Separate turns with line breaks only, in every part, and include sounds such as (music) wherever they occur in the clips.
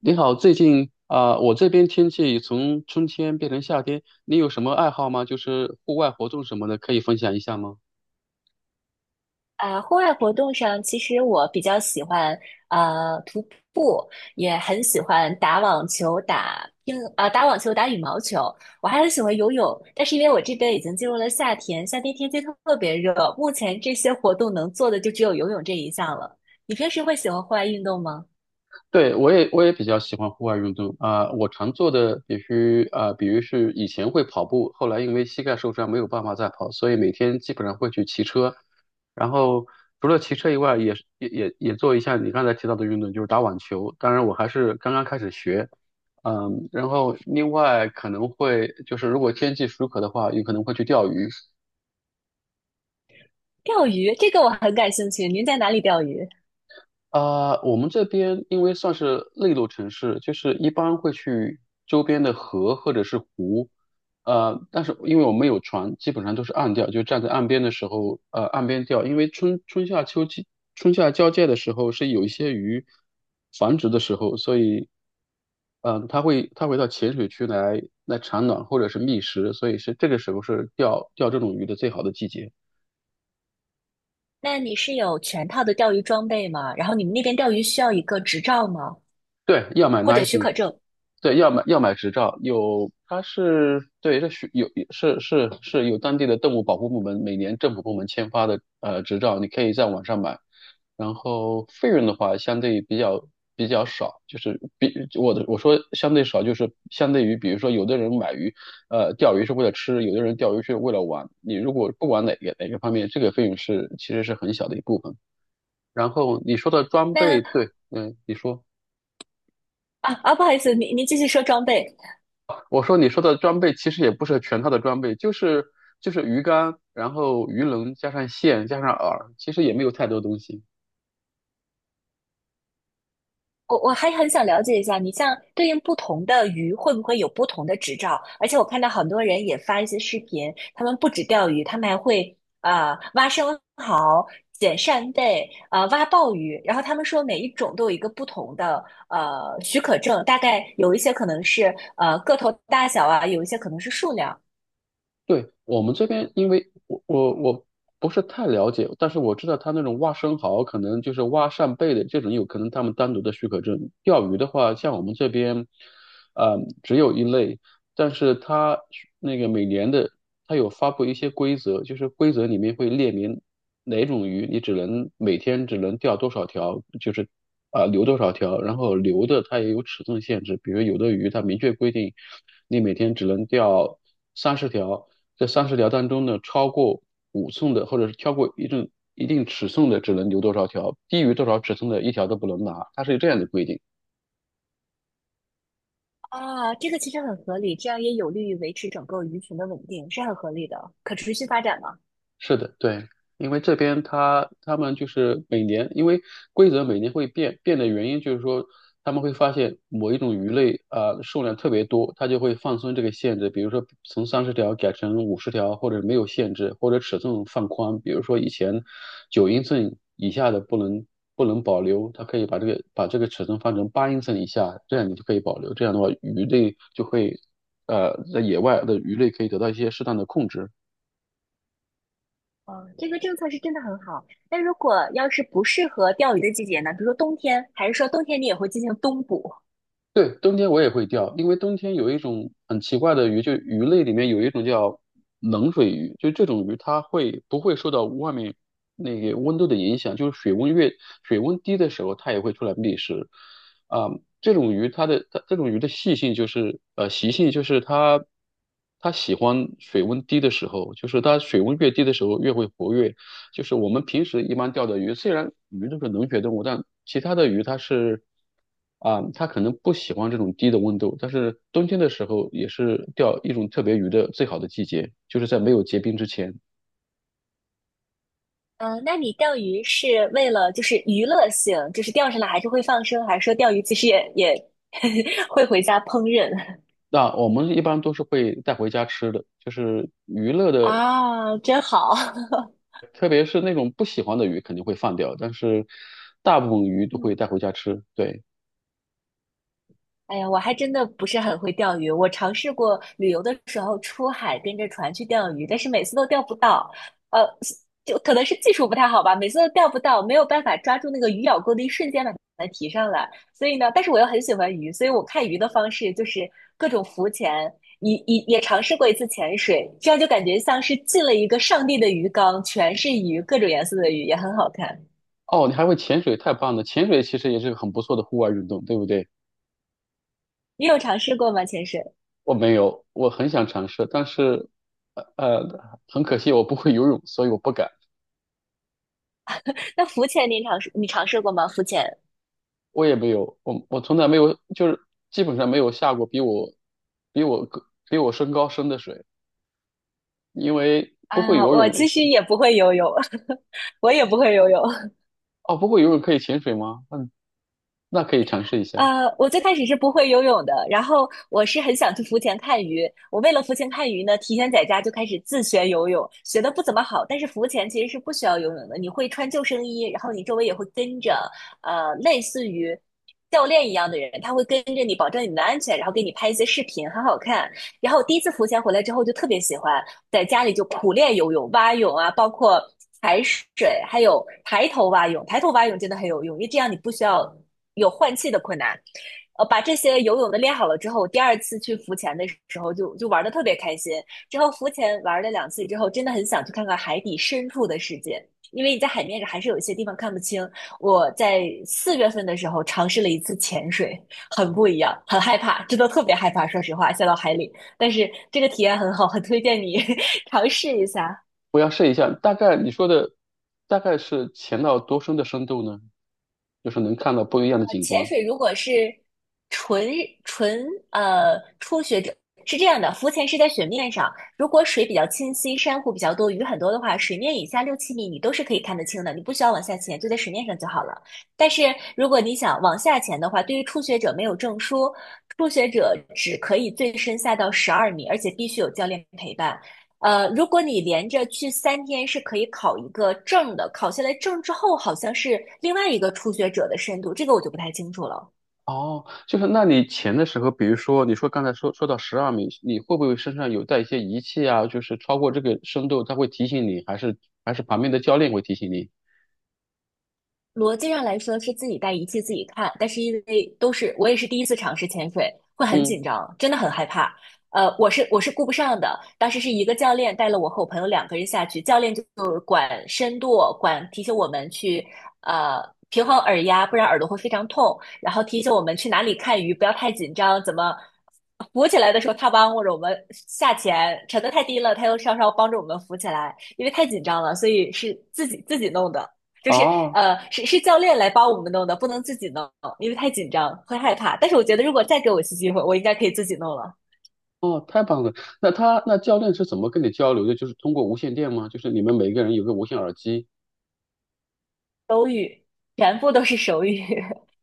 你好，最近我这边天气从春天变成夏天，你有什么爱好吗？就是户外活动什么的，可以分享一下吗？
啊，户外活动上，其实我比较喜欢徒步，也很喜欢打网球、打网球、打羽毛球。我还很喜欢游泳，但是因为我这边已经进入了夏天，夏天天气特别热，目前这些活动能做的就只有游泳这一项了。你平时会喜欢户外运动吗？
对，我也比较喜欢户外运动,我常做的必须啊、比如是以前会跑步，后来因为膝盖受伤没有办法再跑，所以每天基本上会去骑车。然后除了骑车以外，也是也也也做一下你刚才提到的运动，就是打网球。当然，我还是刚刚开始学。嗯，然后另外可能会如果天气许可的话，有可能会去钓鱼。
钓鱼，这个我很感兴趣。您在哪里钓鱼？
我们这边因为算是内陆城市，就是一般会去周边的河或者是湖。但是因为我们有船，基本上都是岸钓，就站在岸边的时候，岸边钓，因为春夏交界的时候是有一些鱼繁殖的时候，所以，它会到浅水区来产卵或者是觅食，所以这个时候是钓这种鱼的最好的季节。
那你是有全套的钓鱼装备吗？然后你们那边钓鱼需要一个执照吗？
对，要买
或者许
license,
可证？
对，要买执照，有它是对，这需有是是是有当地的动物保护部门每年政府部门签发的执照，你可以在网上买。然后费用的话，相对比较少，就是比我的我说相对少，就是相对于比如说有的人买鱼，钓鱼是为了吃，有的人钓鱼是为了玩。你如果不管哪个方面，这个费用其实是很小的一部分。然后你说的装
那？
备，对，嗯，你说。
不好意思，您继续说装备。
我说你说的装备其实也不是全套的装备，就是就是鱼竿，然后鱼轮加上线加上饵，其实也没有太多东西。
我还很想了解一下，你像对应不同的鱼会不会有不同的执照？而且我看到很多人也发一些视频，他们不止钓鱼，他们还会挖生蚝、捡扇贝、挖鲍鱼。然后他们说每一种都有一个不同的许可证，大概有一些可能是个头大小啊，有一些可能是数量
对，我们这边，因为我不是太了解，但是我知道他那种挖生蚝，可能就是挖扇贝的这种，有可能他们单独的许可证。钓鱼的话，像我们这边，只有一类，但是它那个每年的，它有发布一些规则，就是规则里面会列明哪种鱼你每天只能钓多少条，就是留多少条，然后留的它也有尺寸限制，比如有的鱼它明确规定你每天只能钓三十条。这三十条当中呢，超过5寸的，或者是超过一定尺寸的，只能留多少条，低于多少尺寸的一条都不能拿，它是有这样的规定。
啊。这个其实很合理，这样也有利于维持整个鱼群的稳定，是很合理的，可持续发展嘛。
是的，对，因为这边他们就是每年，因为规则每年会变，变的原因就是说他们会发现某一种鱼类数量特别多，他就会放松这个限制，比如说从三十条改成50条，或者没有限制，或者尺寸放宽，比如说以前9英寸以下的不能保留，他可以把这个尺寸放成8英寸以下，这样你就可以保留，这样的话鱼类就会在野外的鱼类可以得到一些适当的控制。
哦，这个政策是真的很好。那如果要是不适合钓鱼的季节呢？比如说冬天，还是说冬天你也会进行冬捕？
对，冬天我也会钓，因为冬天有一种很奇怪的鱼，就鱼类里面有一种叫冷水鱼，就这种鱼它会不会受到外面那个温度的影响，就是水温低的时候，它也会出来觅食。啊、这种鱼的习性就是它喜欢水温低的时候，就是它水温越低的时候越会活跃，就是我们平时一般钓的鱼，虽然鱼都是冷血动物，但其他的鱼它是它可能不喜欢这种低的温度，但是冬天的时候也是钓一种特别鱼的最好的季节，就是在没有结冰之前。
嗯，那你钓鱼是为了就是娱乐性，就是钓上来还是会放生，还是说钓鱼其实也 (laughs) 会回家烹饪？
那我们一般都是会带回家吃的，就是娱乐的，
啊，真好。
特别是那种不喜欢的鱼肯定会放掉，但是大部分鱼都
(laughs)
会带回家吃。对。
哎呀，我还真的不是很会钓鱼。我尝试过旅游的时候出海跟着船去钓鱼，但是每次都钓不到。呃，就可能是技术不太好吧，每次都钓不到，没有办法抓住那个鱼咬钩的一瞬间把它提上来。所以呢，但是我又很喜欢鱼，所以我看鱼的方式就是各种浮潜，也尝试过一次潜水，这样就感觉像是进了一个上帝的鱼缸，全是鱼，各种颜色的鱼，也很好看。
哦，你还会潜水，太棒了！潜水其实也是个很不错的户外运动，对不对？
你有尝试过吗？潜水？
我没有，我很想尝试，但是，很可惜我不会游泳，所以我不敢。
那浮潜你尝试过吗？浮潜？
我也没有，我从来没有，就是基本上没有下过比我身高深的水，因为不会
啊，
游
我
泳的
其实
是。
也不会游泳，(laughs) 我也不会游泳。
哦，不会游泳可以潜水吗？嗯，那可以尝试一下。
我最开始是不会游泳的，然后我是很想去浮潜看鱼。我为了浮潜看鱼呢，提前在家就开始自学游泳，学的不怎么好，但是浮潜其实是不需要游泳的，你会穿救生衣，然后你周围也会跟着，类似于教练一样的人，他会跟着你，保证你的安全，然后给你拍一些视频，很好看。然后第一次浮潜回来之后就特别喜欢，在家里就苦练游泳、蛙泳啊，包括踩水，还有抬头蛙泳。抬头蛙泳真的很有用，因为这样你不需要有换气的困难。把这些游泳的练好了之后，第二次去浮潜的时候就玩的特别开心。之后浮潜玩了2次之后，真的很想去看看海底深处的世界，因为你在海面上还是有一些地方看不清。我在4月份的时候尝试了一次潜水，很不一样，很害怕，真的特别害怕，说实话，下到海里。但是这个体验很好，很推荐你尝试一下。
我要试一下。大概你说的大概是潜到多深的深度呢？就是能看到不一样的景
潜
观。
水如果是纯纯初学者，是这样的，浮潜是在水面上，如果水比较清晰，珊瑚比较多，鱼很多的话，水面以下六七米你都是可以看得清的，你不需要往下潜，就在水面上就好了。但是如果你想往下潜的话，对于初学者没有证书，初学者只可以最深下到十二米，而且必须有教练陪伴。如果你连着去3天是可以考一个证的，考下来证之后好像是另外一个初学者的深度，这个我就不太清楚了。
哦，就是那你潜的时候，比如说刚才说到12米，你会不会身上有带一些仪器啊？就是超过这个深度，它会提醒你，还是旁边的教练会提醒你？
逻辑上来说是自己带仪器自己看，但是因为都是我也是第一次尝试潜水，会很
嗯，
紧张，真的很害怕。我是顾不上的。当时是一个教练带了我和我朋友两个人下去，教练就管深度，管提醒我们去呃平衡耳压，不然耳朵会非常痛。然后提醒我们去哪里看鱼，不要太紧张，怎么浮起来的时候他帮或者我们下潜，沉得太低了，他又稍稍帮着我们浮起来，因为太紧张了，所以是自己弄的。就是
哦
是教练来帮我们弄的，不能自己弄，因为太紧张会害怕。但是我觉得，如果再给我一次机会，我应该可以自己弄了。
哦，太棒了。那教练是怎么跟你交流的？就是通过无线电吗？就是你们每个人有个无线耳机？
手语全部都是手语，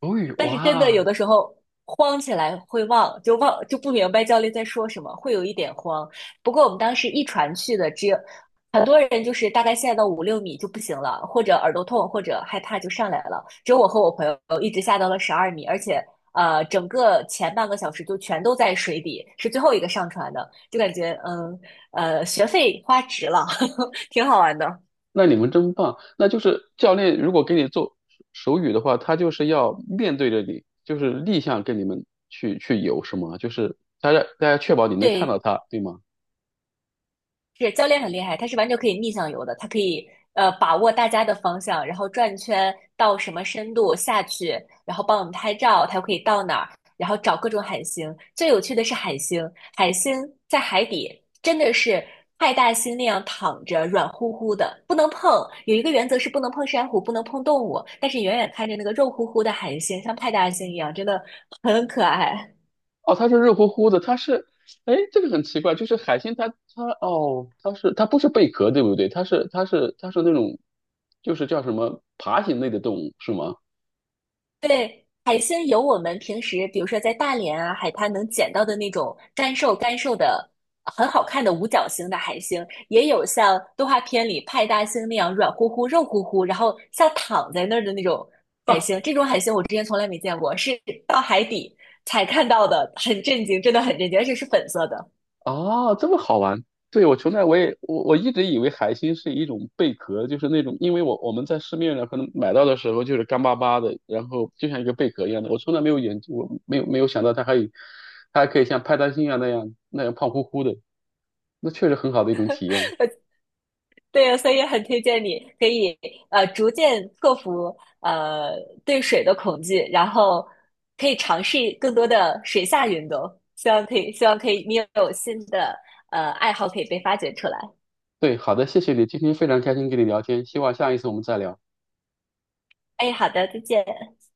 哦，
但是真的
哇，
有的时候慌起来会忘，就忘就不明白教练在说什么，会有一点慌。不过我们当时一传去的，只有很多人就是大概下到五六米就不行了，或者耳朵痛，或者害怕就上来了。只有我和我朋友一直下到了十二米，而且整个前半个小时就全都在水底，是最后一个上船的，就感觉学费花值了，(laughs) 挺好玩的。
那你们真棒。那就是教练如果给你做手语的话，他就是要面对着你，就是逆向跟你们去游，是吗？就是大家确保你能看到
对，
他，对吗？
是教练很厉害，他是完全可以逆向游的，他可以把握大家的方向，然后转圈到什么深度下去，然后帮我们拍照，他又可以到哪儿，然后找各种海星。最有趣的是海星，海星在海底真的是派大星那样躺着，软乎乎的，不能碰。有一个原则是不能碰珊瑚，不能碰动物，但是远远看着那个肉乎乎的海星，像派大星一样，真的很可爱。
哦，他是热乎乎的，他是，哎，这个很奇怪，就是海星它哦，它不是贝壳，对不对？它是那种，就是叫什么爬行类的动物，是吗？
对，海星有我们平时，比如说在大连啊海滩能捡到的那种干瘦干瘦的、很好看的五角星的海星，也有像动画片里派大星那样软乎乎、肉乎乎，然后像躺在那儿的那种海
(laughs)
星。这种海星我之前从来没见过，是到海底才看到的，很震惊，真的很震惊，而且是粉色的。
哦，这么好玩！对，我从来我也我我一直以为海星是一种贝壳，就是那种，因为我们在市面上可能买到的时候就是干巴巴的，然后就像一个贝壳一样的。我从来没有研究，我没有想到它还有，它还可以像派大星那样胖乎乎的，那确实很好的一种体验。
对呀，所以很推荐你可以逐渐克服对水的恐惧，然后可以尝试更多的水下运动。希望可以，希望可以，你有新的爱好可以被发掘出来。
对，好的，谢谢你，今天非常开心跟你聊天，希望下一次我们再聊。
哎，好的，再见。